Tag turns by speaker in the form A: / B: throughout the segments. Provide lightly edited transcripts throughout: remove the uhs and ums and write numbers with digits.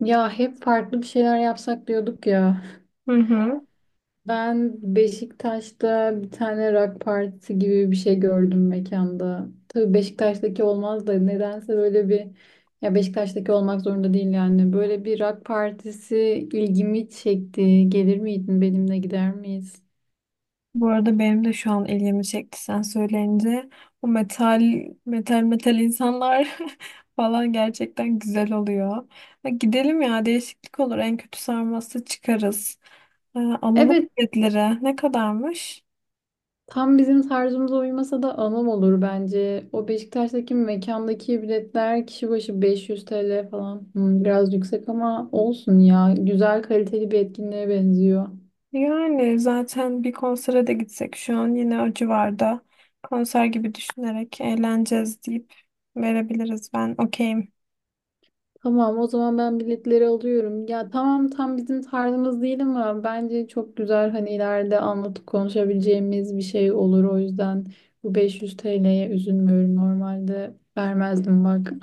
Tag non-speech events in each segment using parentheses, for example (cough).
A: Ya hep farklı bir şeyler yapsak diyorduk ya.
B: Hı hı.
A: Ben Beşiktaş'ta bir tane rock partisi gibi bir şey gördüm mekanda. Tabii Beşiktaş'taki olmaz da nedense böyle bir ya Beşiktaş'taki olmak zorunda değil yani. Böyle bir rock partisi ilgimi çekti. Gelir miydin benimle gider miyiz?
B: Bu arada benim de şu an ilgimi çekti sen söyleyince. O metal metal insanlar (laughs) falan gerçekten güzel oluyor. Ha, gidelim ya, değişiklik olur. En kötü sarması çıkarız. Alalım
A: Evet.
B: biletleri. Ne kadarmış?
A: Tam bizim tarzımıza uymasa da anım olur bence. O Beşiktaş'taki mekandaki biletler kişi başı 500 TL falan. Hmm, biraz yüksek ama olsun ya. Güzel kaliteli bir etkinliğe benziyor.
B: Yani zaten bir konsere de gitsek şu an yine o civarda konser gibi düşünerek eğleneceğiz deyip verebiliriz. Ben okeyim.
A: Tamam, o zaman ben biletleri alıyorum. Ya tamam, tam bizim tarzımız değil ama bence çok güzel, hani ileride anlatıp konuşabileceğimiz bir şey olur. O yüzden bu 500 TL'ye üzülmüyorum normalde. Vermezdim bak.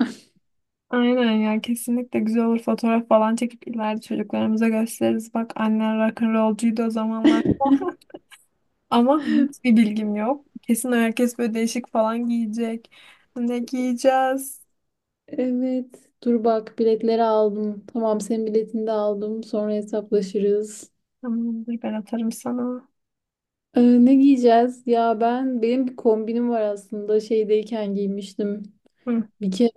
B: Aynen ya, kesinlikle güzel olur, fotoğraf falan çekip ileride çocuklarımıza gösteririz. Bak, annen rock'n'rollcuydu o zamanlar. (laughs) Ama hiçbir bilgim yok. Kesin herkes böyle değişik falan giyecek. Ne giyeceğiz?
A: Evet. Dur bak, biletleri aldım. Tamam, senin biletini de aldım. Sonra hesaplaşırız.
B: Tamamdır, ben atarım sana.
A: Ne giyeceğiz? Ya ben, benim bir kombinim var aslında. Şeydeyken giymiştim.
B: Hı,
A: Bir kere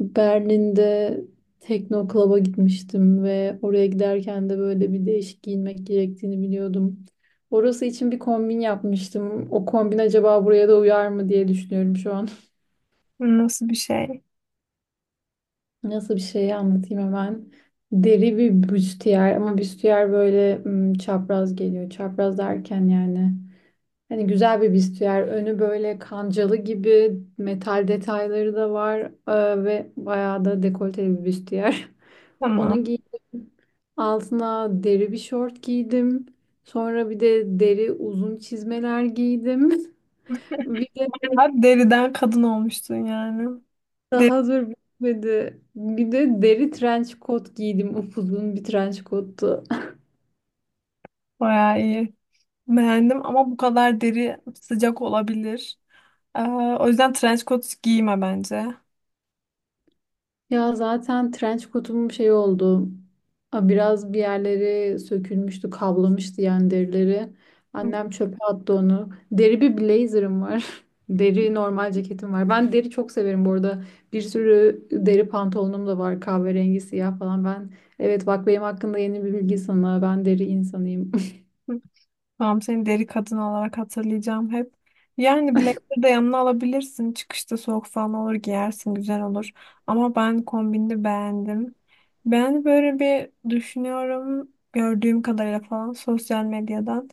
A: Berlin'de Tekno Club'a gitmiştim ve oraya giderken de böyle bir değişik giyinmek gerektiğini biliyordum. Orası için bir kombin yapmıştım. O kombin acaba buraya da uyar mı diye düşünüyorum şu an.
B: nasıl bir şey?
A: Nasıl bir şey anlatayım hemen. Deri bir büstiyer, ama büstiyer böyle çapraz geliyor. Çapraz derken yani, hani güzel bir büstiyer. Önü böyle kancalı gibi, metal detayları da var ve bayağı da dekolteli bir büstiyer. (laughs) Onu
B: Tamam.
A: giydim. Altına deri bir şort giydim. Sonra bir de deri uzun çizmeler giydim. (laughs) Bir de
B: Bayağı deriden kadın olmuştun yani. Deri
A: daha dur, bitmedi. Bir de deri trench coat giydim. Upuzun bir trench coattu.
B: bayağı iyi. Beğendim ama bu kadar deri sıcak olabilir. Ee, O yüzden trench coat giyme bence.
A: Ya zaten trench coat'um şey oldu. A, biraz bir yerleri sökülmüştü, kablamıştı yani derileri.
B: Hı.
A: Annem çöpe attı onu. Deri bir blazer'ım var. (laughs) Deri normal ceketim var. Ben deri çok severim bu arada. Bir sürü deri pantolonum da var. Kahverengi, siyah falan. Ben, evet bak, benim hakkında yeni bir bilgi sana. Ben deri insanıyım.
B: Tamam, seni deri kadın olarak hatırlayacağım hep. Yani blazer de yanına alabilirsin. Çıkışta soğuk falan olur, giyersin, güzel olur. Ama ben kombini beğendim. Ben böyle bir düşünüyorum gördüğüm kadarıyla falan sosyal medyadan.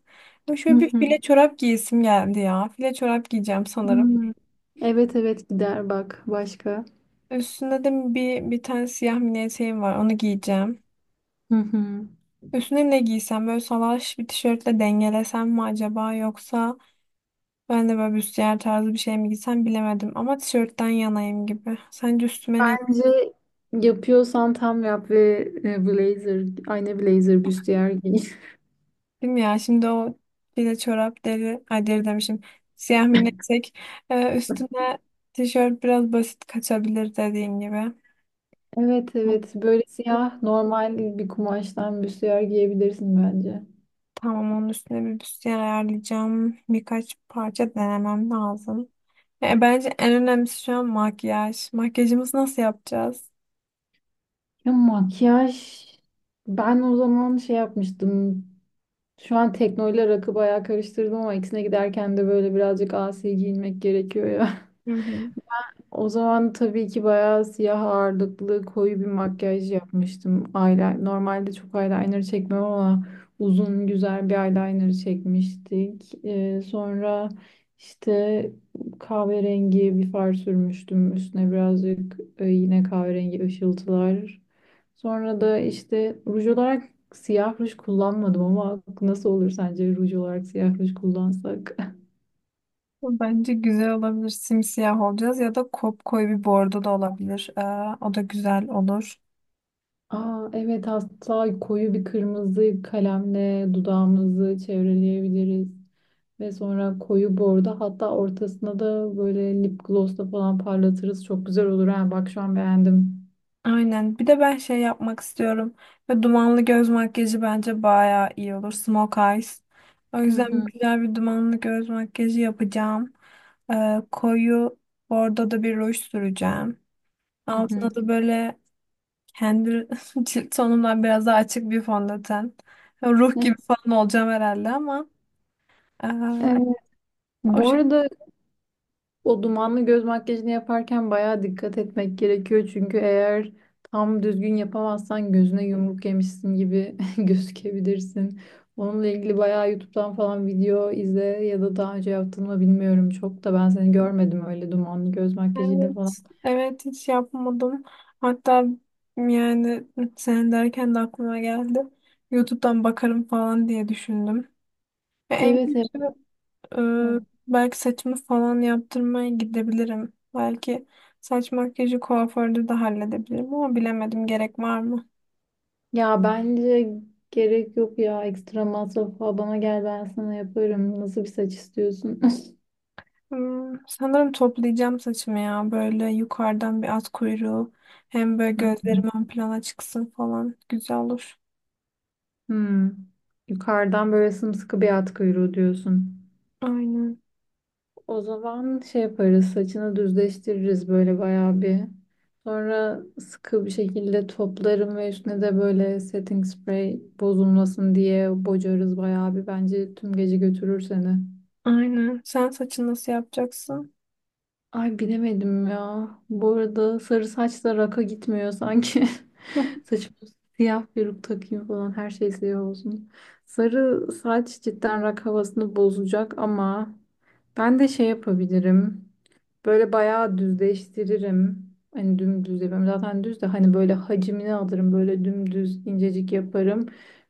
B: Ya
A: (laughs) Hı
B: şöyle bir
A: hı.
B: file çorap giyesim geldi ya. File çorap giyeceğim sanırım.
A: Hmm. Evet evet, gider bak başka.
B: Üstünde de bir tane siyah mini eteğim var, onu giyeceğim.
A: Hı hı.
B: Üstüne ne giysem, böyle salaş bir tişörtle dengelesem mi acaba, yoksa ben de böyle büstiyer tarzı bir şey mi giysem, bilemedim ama tişörtten yanayım gibi. Sence üstüme ne
A: Bence yapıyorsan tam yap ve blazer, aynı blazer büstiyer giy. (laughs)
B: giydim ya? Şimdi o bile çorap deri, ay, deri demişim. Siyah mineksek, üstüne tişört biraz basit kaçabilir dediğin gibi.
A: Evet evet, böyle siyah normal bir kumaştan büstiyer giyebilirsin bence.
B: Tamam, onun üstüne bir büstiyer ayarlayacağım. Birkaç parça denemem lazım. Bence en önemlisi şu an makyaj. Makyajımızı nasıl yapacağız?
A: Ya makyaj, ben o zaman şey yapmıştım. Şu an teknoyla rakı bayağı karıştırdım ama ikisine giderken de böyle birazcık asi giyinmek gerekiyor ya.
B: Hı hı.
A: O zaman tabii ki bayağı siyah ağırlıklı koyu bir makyaj yapmıştım. Eyeliner, normalde çok eyeliner çekmem ama uzun güzel bir eyeliner çekmiştik. Sonra işte kahverengi bir far sürmüştüm. Üstüne birazcık yine kahverengi ışıltılar. Sonra da işte ruj olarak siyah ruj kullanmadım ama nasıl olur sence ruj olarak siyah ruj kullansak?
B: Bence güzel olabilir. Simsiyah olacağız ya da kopkoyu bir bordo da olabilir. O da güzel olur.
A: Aa, evet, hatta koyu bir kırmızı kalemle dudağımızı çevreleyebiliriz. Ve sonra koyu bordo, hatta ortasına da böyle lip glossla falan parlatırız. Çok güzel olur ha. Bak şu an beğendim.
B: Aynen. Bir de ben şey yapmak istiyorum. Ve dumanlı göz makyajı bence bayağı iyi olur. Smoke eyes. O
A: Hı
B: yüzden
A: hı,
B: güzel bir dumanlı göz makyajı yapacağım. Koyu bordo da bir ruj süreceğim.
A: hı hı.
B: Altına da böyle kendi (laughs) cilt tonumdan biraz daha açık bir fondöten. Ruh gibi
A: (laughs)
B: falan olacağım herhalde ama ee,
A: Evet.
B: o
A: Bu arada, o dumanlı göz makyajını yaparken bayağı dikkat etmek gerekiyor. Çünkü eğer tam düzgün yapamazsan gözüne yumruk yemişsin gibi (laughs) gözükebilirsin. Onunla ilgili bayağı YouTube'dan falan video izle, ya da daha önce yaptın mı bilmiyorum, çok da ben seni görmedim öyle dumanlı göz makyajıyla falan.
B: Evet, evet, hiç yapmadım. Hatta yani sen derken de aklıma geldi. YouTube'dan bakarım falan diye düşündüm. Ve en
A: Evet evet.
B: kötü
A: Hı.
B: e, belki saçımı falan yaptırmaya gidebilirim. Belki saç makyajı kuaförde de halledebilirim ama bilemedim, gerek var mı?
A: Ya bence gerek yok ya, ekstra masraf falan. Bana gel, ben sana yaparım. Nasıl bir saç istiyorsun?
B: Hmm, sanırım toplayacağım saçımı ya, böyle yukarıdan bir at kuyruğu, hem böyle
A: (laughs) Hı.
B: gözlerim ön plana çıksın falan, güzel olur.
A: Hmm. Yukarıdan böyle sımsıkı bir at kuyruğu diyorsun.
B: Aynen.
A: O zaman şey yaparız, saçını düzleştiririz böyle bayağı bir. Sonra sıkı bir şekilde toplarım ve üstüne de böyle setting spray bozulmasın diye bocarız bayağı bir. Bence tüm gece götürür seni.
B: Aynen. Sen saçını nasıl yapacaksın?
A: Ay bilemedim ya. Bu arada sarı saç da raka gitmiyor sanki. (laughs)
B: (laughs)
A: Saçıma siyah peruk takayım falan, her şey siyah olsun. Sarı saç cidden rak havasını bozacak ama ben de şey yapabilirim. Böyle bayağı düzleştiririm. Hani dümdüz yapıyorum. Zaten düz de, hani böyle hacmini alırım. Böyle dümdüz incecik yaparım.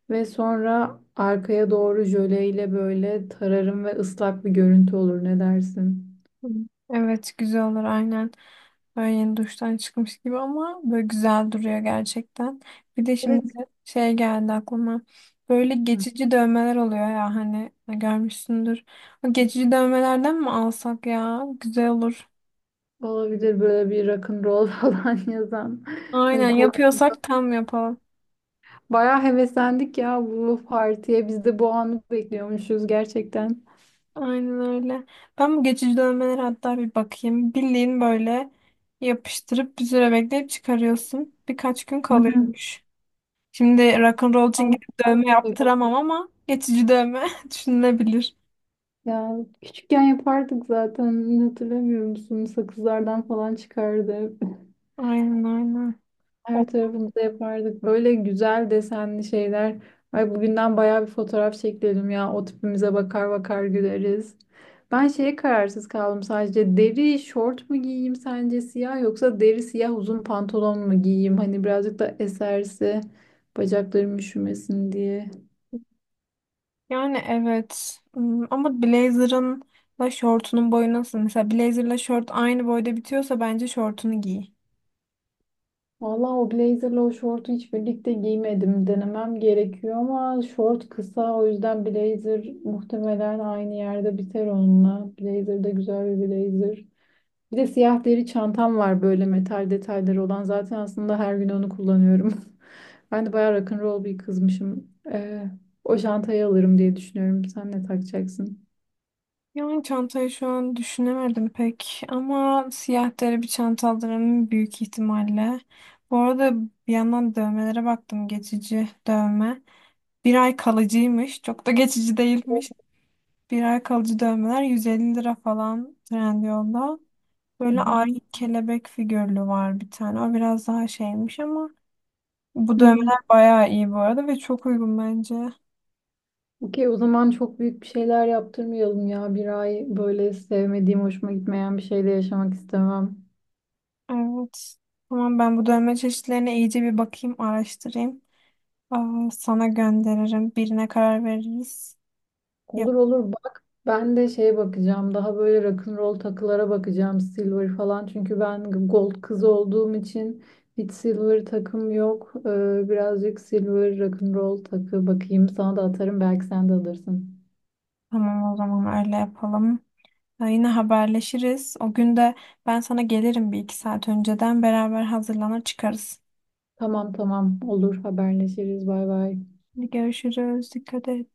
A: Ve sonra arkaya doğru jöleyle böyle tararım ve ıslak bir görüntü olur. Ne dersin?
B: Evet, güzel olur aynen. Böyle yeni duştan çıkmış gibi ama böyle güzel duruyor gerçekten. Bir de şimdi
A: Evet.
B: şey geldi aklıma. Böyle
A: Hı.
B: geçici dövmeler oluyor ya hani, görmüşsündür. O geçici dövmelerden mi alsak ya? Güzel olur.
A: Olabilir, böyle bir rock'n'roll (laughs) falan yazan.
B: Aynen,
A: Ee, Kol-
B: yapıyorsak tam yapalım.
A: Bayağı heveslendik ya bu partiye. Biz de bu anı bekliyormuşuz gerçekten.
B: Aynen öyle. Ben bu geçici dövmelere hatta bir bakayım. Bildiğin böyle yapıştırıp bir süre bekleyip çıkarıyorsun. Birkaç gün
A: Hı
B: kalıyormuş. Şimdi rock'n'roll için gidip dövme
A: hı.
B: yaptıramam ama geçici dövme (laughs) düşünülebilir.
A: Ya küçükken yapardık zaten, hatırlamıyor musun? Sakızlardan falan çıkardı hep.
B: Aynen, aynen. O-
A: Her tarafımıza yapardık. Böyle güzel desenli şeyler. Ay, bugünden bayağı bir fotoğraf çekelim ya. O tipimize bakar bakar güleriz. Ben şeye kararsız kaldım sadece. Deri şort mu giyeyim sence siyah, yoksa deri siyah uzun pantolon mu giyeyim? Hani birazcık da eserse bacaklarım üşümesin diye.
B: Yani evet. Hmm, ama blazer'ın da şortunun boyu nasıl? Mesela blazer'la şort aynı boyda bitiyorsa bence şortunu giy.
A: Vallahi o blazerla o şortu hiç birlikte giymedim. Denemem gerekiyor ama şort kısa, o yüzden blazer muhtemelen aynı yerde biter onunla. Blazer de güzel bir blazer. Bir de siyah deri çantam var, böyle metal detayları olan. Zaten aslında her gün onu kullanıyorum. (laughs) Ben de bayağı rock'n'roll bir kızmışım. O çantayı alırım diye düşünüyorum. Sen ne takacaksın?
B: Yani çantayı şu an düşünemedim pek ama siyah deri bir çanta alırım büyük ihtimalle. Bu arada bir yandan dövmelere baktım, geçici dövme. Bir ay kalıcıymış, çok da geçici
A: Hı.
B: değilmiş. Bir ay kalıcı dövmeler 150 lira falan Trendyol'da. Böyle
A: Hı
B: ay kelebek figürlü var bir tane. O biraz daha şeymiş ama bu
A: hı. Hı.
B: dövmeler bayağı iyi bu arada ve çok uygun bence.
A: Okey, o zaman çok büyük bir şeyler yaptırmayalım ya. Bir ay böyle sevmediğim, hoşuma gitmeyen bir şeyde yaşamak istemem.
B: Evet. Tamam, ben bu dövme çeşitlerine iyice bir bakayım, araştırayım. Aa, sana gönderirim. Birine karar veririz. Yap
A: Olur olur bak. Ben de şeye bakacağım. Daha böyle rock'n'roll takılara bakacağım. Silver falan. Çünkü ben gold kız olduğum için hiç silver takım yok. Birazcık silver rock'n'roll takı bakayım. Sana da atarım. Belki sen de alırsın.
B: tamam, o zaman öyle yapalım. Ha, yine haberleşiriz. O gün de ben sana gelirim bir iki saat önceden. Beraber hazırlanır çıkarız.
A: Tamam tamam. Olur. Haberleşiriz. Bay bay.
B: Hadi görüşürüz. Dikkat et.